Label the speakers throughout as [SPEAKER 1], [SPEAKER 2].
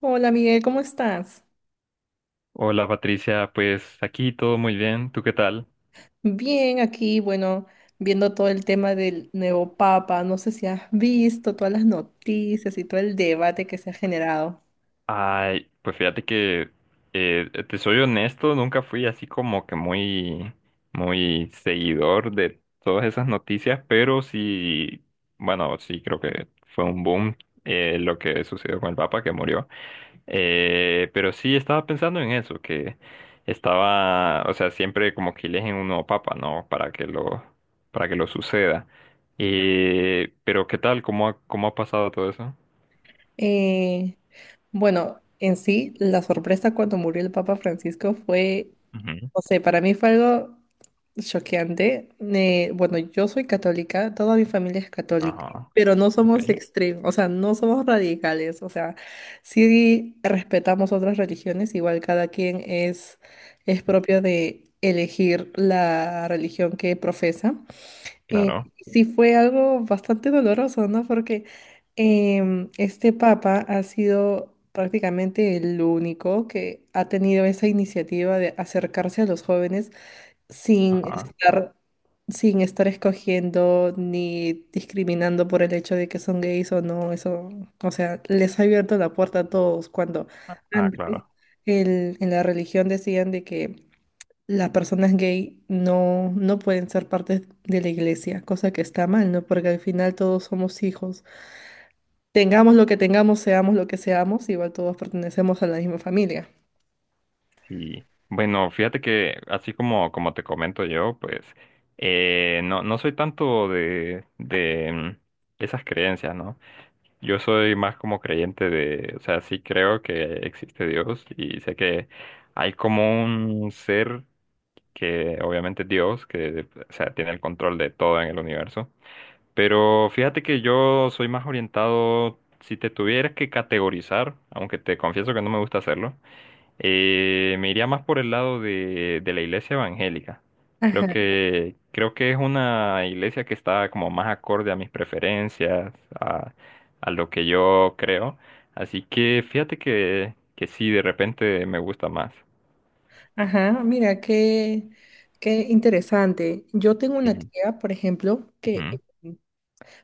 [SPEAKER 1] Hola Miguel, ¿cómo estás?
[SPEAKER 2] Hola Patricia, pues aquí todo muy bien, ¿tú qué tal?
[SPEAKER 1] Bien, aquí, bueno, viendo todo el tema del nuevo Papa, no sé si has visto todas las noticias y todo el debate que se ha generado.
[SPEAKER 2] Ay, pues fíjate que te soy honesto, nunca fui así como que muy, muy seguidor de todas esas noticias, pero sí, bueno, sí creo que fue un boom lo que sucedió con el Papa que murió. Pero sí estaba pensando en eso, que estaba, o sea, siempre como que eligen un nuevo papa, ¿no? Para que lo suceda. Pero ¿qué tal? ¿Cómo ha pasado todo eso?
[SPEAKER 1] Eh, bueno, en sí, la sorpresa cuando murió el Papa Francisco fue,
[SPEAKER 2] Ujú.
[SPEAKER 1] no sé, para mí fue algo choqueante. Bueno, yo soy católica, toda mi familia es católica,
[SPEAKER 2] Ajá.
[SPEAKER 1] pero no somos
[SPEAKER 2] Okay,
[SPEAKER 1] extremos, o sea, no somos radicales, o sea, sí respetamos otras religiones, igual cada quien es propio de elegir la religión que profesa. Eh,
[SPEAKER 2] claro.
[SPEAKER 1] sí fue algo bastante doloroso, ¿no? Porque este papa ha sido prácticamente el único que ha tenido esa iniciativa de acercarse a los jóvenes sin
[SPEAKER 2] Ajá.
[SPEAKER 1] estar, sin estar escogiendo ni discriminando por el hecho de que son gays o no, eso, o sea, les ha abierto la puerta a todos cuando
[SPEAKER 2] Ah,
[SPEAKER 1] antes
[SPEAKER 2] claro.
[SPEAKER 1] en la religión decían de que las personas gay no, no pueden ser parte de la iglesia, cosa que está mal, ¿no? Porque al final todos somos hijos. Tengamos lo que tengamos, seamos lo que seamos, igual todos pertenecemos a la misma familia.
[SPEAKER 2] Sí. Bueno, fíjate que así como, como te comento yo, pues no soy tanto de esas creencias, ¿no? Yo soy más como creyente de, o sea, sí creo que existe Dios y sé que hay como un ser que obviamente es Dios, que, o sea, tiene el control de todo en el universo. Pero fíjate que yo soy más orientado, si te tuvieras que categorizar, aunque te confieso que no me gusta hacerlo, me iría más por el lado de la iglesia evangélica. Creo que es una iglesia que está como más acorde a mis preferencias, a, a lo que yo creo. Así que fíjate que sí, de repente me gusta más.
[SPEAKER 1] Ajá, mira, qué interesante. Yo tengo una
[SPEAKER 2] Sí.
[SPEAKER 1] tía, por ejemplo, que
[SPEAKER 2] Ujú.
[SPEAKER 1] eh,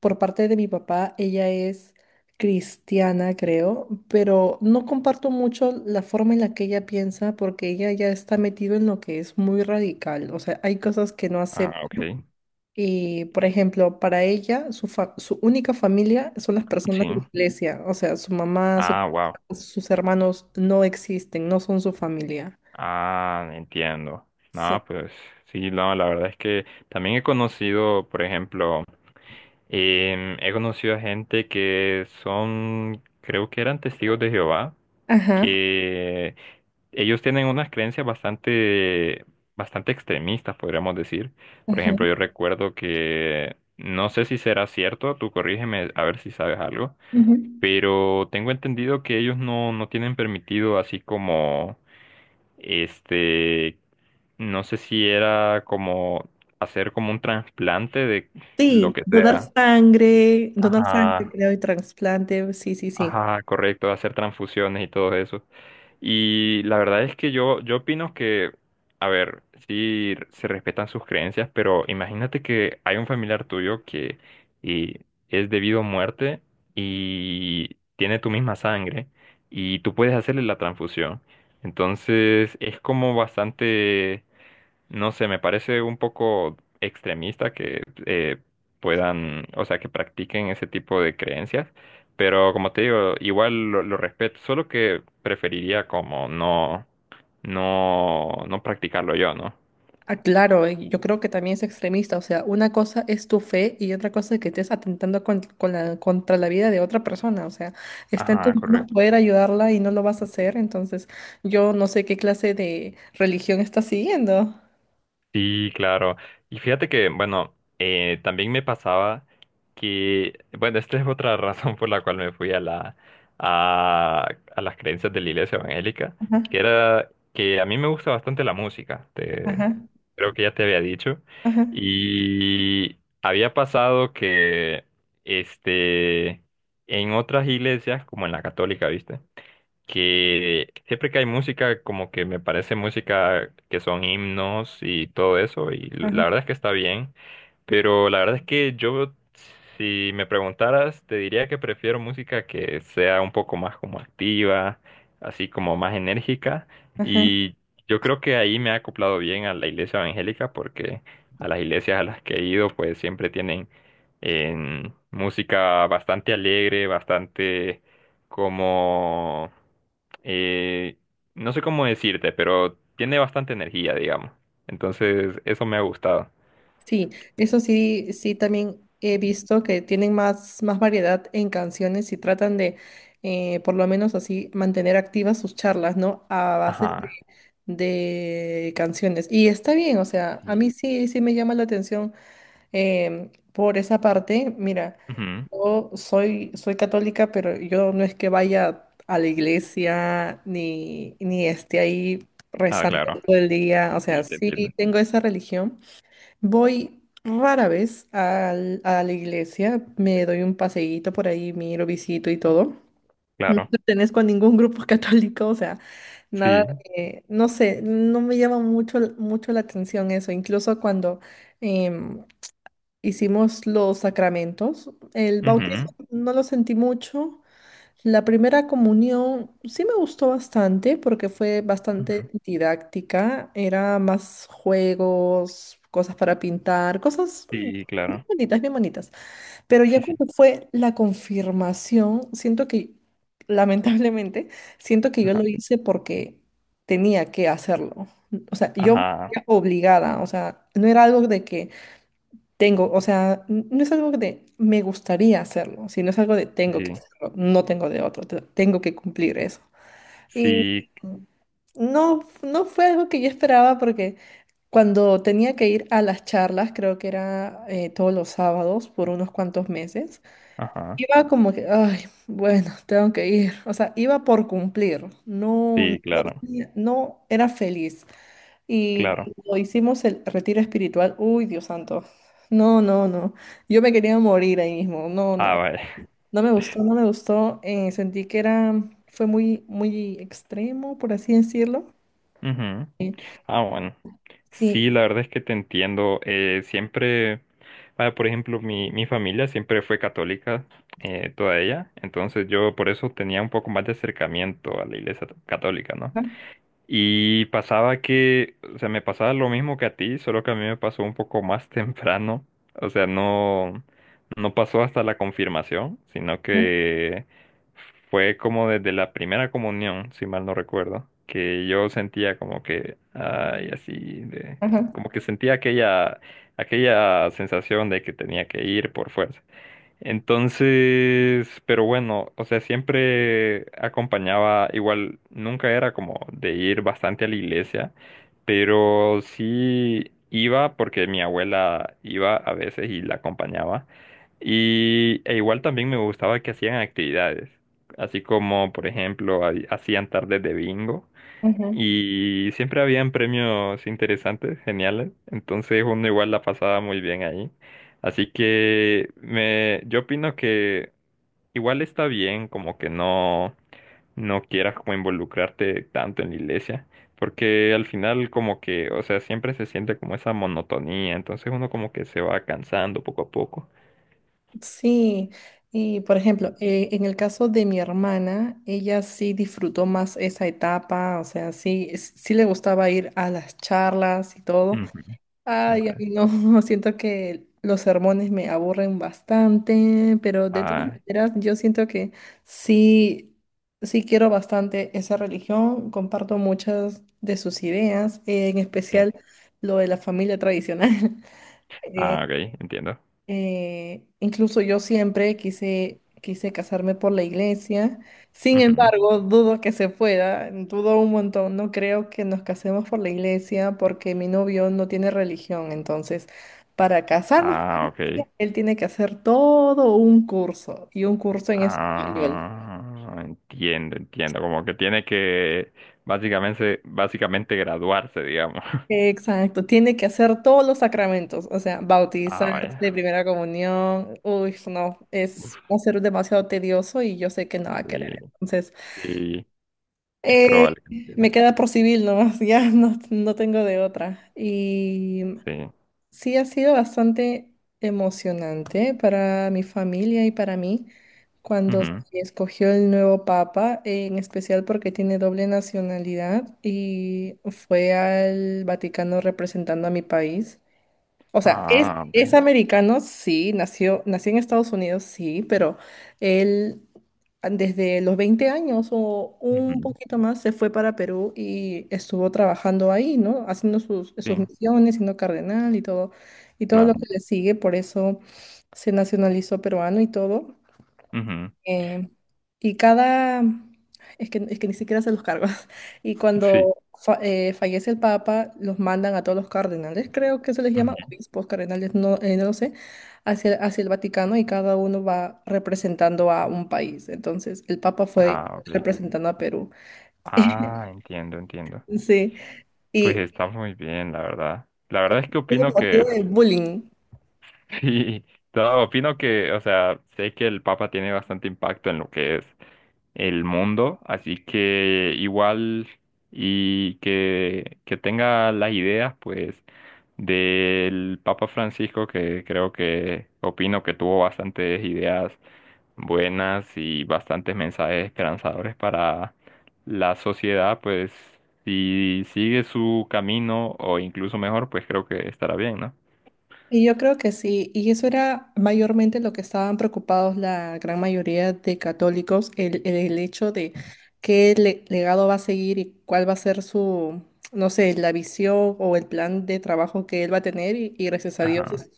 [SPEAKER 1] por parte de mi papá, ella es cristiana, creo, pero no comparto mucho la forma en la que ella piensa porque ella ya está metida en lo que es muy radical. O sea, hay cosas que no acepta.
[SPEAKER 2] Ah, ok.
[SPEAKER 1] Y, por ejemplo, para ella, su única familia son las
[SPEAKER 2] Sí.
[SPEAKER 1] personas de la iglesia. O sea, su mamá,
[SPEAKER 2] Ah, wow.
[SPEAKER 1] sus hermanos no existen, no son su familia.
[SPEAKER 2] Ah, entiendo.
[SPEAKER 1] Sí.
[SPEAKER 2] No, pues sí, no, la verdad es que también he conocido, por ejemplo, he conocido a gente que son, creo que eran testigos de Jehová,
[SPEAKER 1] Ajá.
[SPEAKER 2] que ellos tienen unas creencias bastante, bastante extremistas, podríamos decir. Por ejemplo, yo recuerdo que, no sé si será cierto, tú corrígeme a ver si sabes algo,
[SPEAKER 1] Ujú.
[SPEAKER 2] pero tengo entendido que ellos no tienen permitido así como, este, no sé si era como hacer como un trasplante de lo
[SPEAKER 1] Sí,
[SPEAKER 2] que sea.
[SPEAKER 1] donar sangre,
[SPEAKER 2] Ajá.
[SPEAKER 1] creo, y trasplante, sí, sí, sí.
[SPEAKER 2] Ajá, correcto, hacer transfusiones y todo eso. Y la verdad es que yo opino que, a ver, sí se respetan sus creencias, pero imagínate que hay un familiar tuyo que y es debido a muerte y tiene tu misma sangre y tú puedes hacerle la transfusión. Entonces es como bastante, no sé, me parece un poco extremista que puedan, o sea, que practiquen ese tipo de creencias. Pero como te digo, lo respeto, solo que preferiría como no practicarlo yo, ¿no?
[SPEAKER 1] Ah, claro, y yo creo que también es extremista, o sea, una cosa es tu fe y otra cosa es que estés atentando con, contra la vida de otra persona, o sea, está en
[SPEAKER 2] Ajá,
[SPEAKER 1] tus manos
[SPEAKER 2] correcto.
[SPEAKER 1] poder ayudarla y no lo vas a hacer, entonces yo no sé qué clase de religión estás siguiendo.
[SPEAKER 2] Sí, claro. Y fíjate que, bueno, también me pasaba que, bueno, esta es otra razón por la cual me fui a la, a, a las creencias de la iglesia evangélica,
[SPEAKER 1] Ajá,
[SPEAKER 2] que era que a mí me gusta bastante la música, te,
[SPEAKER 1] ajá,
[SPEAKER 2] creo que ya te había dicho,
[SPEAKER 1] ajá,
[SPEAKER 2] y había pasado que, este, en otras iglesias, como en la católica, ¿viste? Que siempre que hay música, como que me parece música que son himnos y todo eso, y
[SPEAKER 1] ajá,
[SPEAKER 2] la verdad es que está bien, pero la verdad es que yo, si me preguntaras, te diría que prefiero música que sea un poco más como activa, así como más enérgica,
[SPEAKER 1] ajá.
[SPEAKER 2] y yo creo que ahí me ha acoplado bien a la iglesia evangélica, porque a las iglesias a las que he ido, pues siempre tienen música bastante alegre, bastante como eh, no sé cómo decirte, pero tiene bastante energía, digamos. Entonces, eso me ha gustado.
[SPEAKER 1] Sí, eso sí, sí también he visto que tienen más, más variedad en canciones y tratan de, por lo menos así, mantener activas sus charlas, ¿no? A base
[SPEAKER 2] Ajá,
[SPEAKER 1] de canciones. Y está bien, o sea, a
[SPEAKER 2] sí.
[SPEAKER 1] mí sí, sí me llama la atención por esa parte. Mira,
[SPEAKER 2] Ujú.
[SPEAKER 1] yo soy, soy católica, pero yo no es que vaya a la iglesia ni, ni esté ahí
[SPEAKER 2] Ah,
[SPEAKER 1] rezando
[SPEAKER 2] claro.
[SPEAKER 1] todo el día. O sea,
[SPEAKER 2] Sí, te
[SPEAKER 1] sí
[SPEAKER 2] entiendo.
[SPEAKER 1] tengo esa religión. Voy rara vez a la iglesia, me doy un paseíto por ahí, miro, visito y todo. No
[SPEAKER 2] Claro.
[SPEAKER 1] pertenezco a ningún grupo católico, o sea, nada
[SPEAKER 2] Sí.
[SPEAKER 1] no sé, no me llama mucho, mucho la atención eso. Incluso cuando em, hicimos los sacramentos, el bautismo
[SPEAKER 2] Ujú,
[SPEAKER 1] no lo sentí mucho, la primera comunión sí me gustó bastante porque fue
[SPEAKER 2] ujú.
[SPEAKER 1] bastante didáctica, era más juegos, cosas para pintar, cosas
[SPEAKER 2] Sí,
[SPEAKER 1] bien
[SPEAKER 2] claro.
[SPEAKER 1] bonitas, bien bonitas. Pero
[SPEAKER 2] Sí,
[SPEAKER 1] ya
[SPEAKER 2] sí.
[SPEAKER 1] cuando fue la confirmación, siento que, lamentablemente, siento que yo
[SPEAKER 2] Ajá.
[SPEAKER 1] lo hice porque tenía que hacerlo. O sea, yo me
[SPEAKER 2] Ajá.
[SPEAKER 1] sentía obligada, o sea, no era algo de que tengo, o sea, no es algo de me gustaría hacerlo, sino es algo de tengo que
[SPEAKER 2] Sí.
[SPEAKER 1] hacerlo, no tengo de otro, tengo que cumplir eso. Y
[SPEAKER 2] Sí.
[SPEAKER 1] no, no fue algo que yo esperaba porque cuando tenía que ir a las charlas, creo que era todos los sábados por unos cuantos meses,
[SPEAKER 2] Ajá.
[SPEAKER 1] iba como que, ay, bueno, tengo que ir, o sea, iba por cumplir, no,
[SPEAKER 2] Sí,
[SPEAKER 1] no,
[SPEAKER 2] claro.
[SPEAKER 1] no era feliz. Y
[SPEAKER 2] Claro.
[SPEAKER 1] cuando hicimos el retiro espiritual, uy, Dios santo, no, no, no, yo me quería morir ahí mismo, no, no,
[SPEAKER 2] Ah, vaya.
[SPEAKER 1] no me gustó, no me gustó, sentí que era, fue muy, muy extremo, por así decirlo,
[SPEAKER 2] Ujú. Ah, bueno. Sí,
[SPEAKER 1] sí,
[SPEAKER 2] la verdad es que te entiendo. Siempre, vaya, por ejemplo, mi familia siempre fue católica, toda ella. Entonces yo por eso tenía un poco más de acercamiento a la iglesia católica, ¿no? Y pasaba que, o sea, me pasaba lo mismo que a ti, solo que a mí me pasó un poco más temprano. O sea, no pasó hasta la confirmación, sino
[SPEAKER 1] ajá,
[SPEAKER 2] que fue como desde la primera comunión, si mal no recuerdo, que yo sentía como que, ay, así de,
[SPEAKER 1] ajá,
[SPEAKER 2] como que sentía aquella, aquella sensación de que tenía que ir por fuerza. Entonces, pero bueno, o sea, siempre acompañaba, igual nunca era como de ir bastante a la iglesia, pero sí iba porque mi abuela iba a veces y la acompañaba. Y e igual también me gustaba que hacían actividades, así como, por ejemplo, hacían tardes de bingo.
[SPEAKER 1] ajá.
[SPEAKER 2] Y siempre habían premios interesantes, geniales. Entonces uno igual la pasaba muy bien ahí. Así que yo opino que igual está bien como que no quieras como involucrarte tanto en la iglesia. Porque al final como que, o sea, siempre se siente como esa monotonía. Entonces uno como que se va cansando poco a poco.
[SPEAKER 1] Sí, y por ejemplo, en el caso de mi hermana, ella sí disfrutó más esa etapa, o sea, sí, sí le gustaba ir a las charlas y todo.
[SPEAKER 2] Ujú, ok.
[SPEAKER 1] Ay, a mí no, siento que los sermones me aburren bastante, pero de todas
[SPEAKER 2] Ah,
[SPEAKER 1] maneras yo siento que sí, sí quiero bastante esa religión, comparto muchas de sus ideas, en
[SPEAKER 2] sí.
[SPEAKER 1] especial lo de la familia tradicional.
[SPEAKER 2] Ah, ok, entiendo.
[SPEAKER 1] Incluso yo siempre quise, quise casarme por la iglesia. Sin
[SPEAKER 2] Ujú.
[SPEAKER 1] embargo, dudo que se pueda, dudo un montón. No creo que nos casemos por la iglesia porque mi novio no tiene religión. Entonces, para casarnos por
[SPEAKER 2] Ah,
[SPEAKER 1] la iglesia,
[SPEAKER 2] ok.
[SPEAKER 1] él tiene que hacer todo un curso y un curso en español.
[SPEAKER 2] Ah, entiendo, entiendo. Como que tiene que básicamente, básicamente graduarse, digamos.
[SPEAKER 1] Exacto, tiene que hacer todos los sacramentos, o sea,
[SPEAKER 2] Ah,
[SPEAKER 1] bautizarse,
[SPEAKER 2] vaya.
[SPEAKER 1] primera comunión, uy, no, es va a ser demasiado tedioso y yo sé que no va a
[SPEAKER 2] Sí,
[SPEAKER 1] querer. Entonces,
[SPEAKER 2] sí, es
[SPEAKER 1] Eh,
[SPEAKER 2] probable que
[SPEAKER 1] me
[SPEAKER 2] entienda.
[SPEAKER 1] queda por civil nomás, ya no, no tengo de otra. Y
[SPEAKER 2] Sí.
[SPEAKER 1] sí ha sido bastante emocionante para mi familia y para mí cuando se
[SPEAKER 2] Ujú.
[SPEAKER 1] escogió el nuevo papa, en especial porque tiene doble nacionalidad y fue al Vaticano representando a mi país. O sea,
[SPEAKER 2] Ah,
[SPEAKER 1] es
[SPEAKER 2] vale.
[SPEAKER 1] americano, sí, nació, nació en Estados Unidos, sí, pero él desde los 20 años o un
[SPEAKER 2] Ujú.
[SPEAKER 1] poquito más se fue para Perú y estuvo trabajando ahí, ¿no? Haciendo sus, sus
[SPEAKER 2] Sí,
[SPEAKER 1] misiones, siendo cardenal y todo lo
[SPEAKER 2] claro.
[SPEAKER 1] que le sigue, por eso se nacionalizó peruano y todo.
[SPEAKER 2] Ujú.
[SPEAKER 1] Eh, y cada, es que ni siquiera se los cargos. Y
[SPEAKER 2] Sí.
[SPEAKER 1] cuando fallece el Papa, los mandan a todos los cardenales, creo que se les llama
[SPEAKER 2] Ujú.
[SPEAKER 1] obispos, cardenales, no, no lo sé, hacia, hacia el Vaticano y cada uno va representando a un país. Entonces, el Papa fue
[SPEAKER 2] Ah, vale.
[SPEAKER 1] representando a Perú.
[SPEAKER 2] Ah, entiendo, entiendo.
[SPEAKER 1] Sí,
[SPEAKER 2] Pues
[SPEAKER 1] y
[SPEAKER 2] está muy bien, la verdad. La verdad es que
[SPEAKER 1] es el
[SPEAKER 2] opino
[SPEAKER 1] motivo
[SPEAKER 2] que,
[SPEAKER 1] del bullying.
[SPEAKER 2] sí, no, opino que, o sea, sé que el Papa tiene bastante impacto en lo que es el mundo, así que igual y que tenga las ideas pues del Papa Francisco que creo que opino que tuvo bastantes ideas buenas y bastantes mensajes esperanzadores para la sociedad, pues si sigue su camino o incluso mejor, pues creo que estará bien, ¿no?
[SPEAKER 1] Y yo creo que sí, y eso era mayormente lo que estaban preocupados la gran mayoría de católicos, el hecho de qué legado va a seguir y cuál va a ser su, no sé, la visión o el plan de trabajo que él va a tener, y gracias a Dios
[SPEAKER 2] Ajá.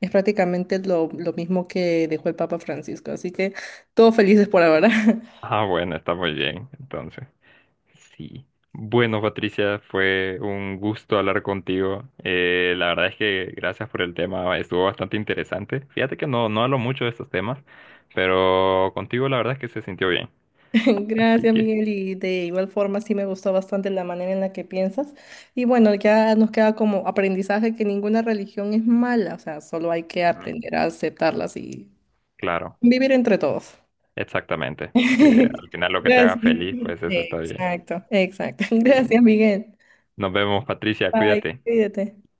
[SPEAKER 1] es prácticamente lo mismo que dejó el Papa Francisco, así que todos felices por ahora.
[SPEAKER 2] Ah, bueno, está muy bien, entonces. Sí. Bueno, Patricia, fue un gusto hablar contigo. La verdad es que gracias por el tema, estuvo bastante interesante. Fíjate que no hablo mucho de estos temas, pero contigo la verdad es que se sintió bien. Así
[SPEAKER 1] Gracias,
[SPEAKER 2] que,
[SPEAKER 1] Miguel, y de igual forma sí me gustó bastante la manera en la que piensas. Y bueno, ya nos queda como aprendizaje que ninguna religión es mala, o sea, solo hay que
[SPEAKER 2] Ujú,
[SPEAKER 1] aprender a aceptarlas y
[SPEAKER 2] claro,
[SPEAKER 1] vivir entre todos.
[SPEAKER 2] exactamente. Al final lo que te haga
[SPEAKER 1] Gracias.
[SPEAKER 2] feliz, pues eso está bien.
[SPEAKER 1] Exacto, exacto.
[SPEAKER 2] Sí.
[SPEAKER 1] Gracias, Miguel.
[SPEAKER 2] Nos vemos, Patricia,
[SPEAKER 1] Bye,
[SPEAKER 2] cuídate.
[SPEAKER 1] cuídate.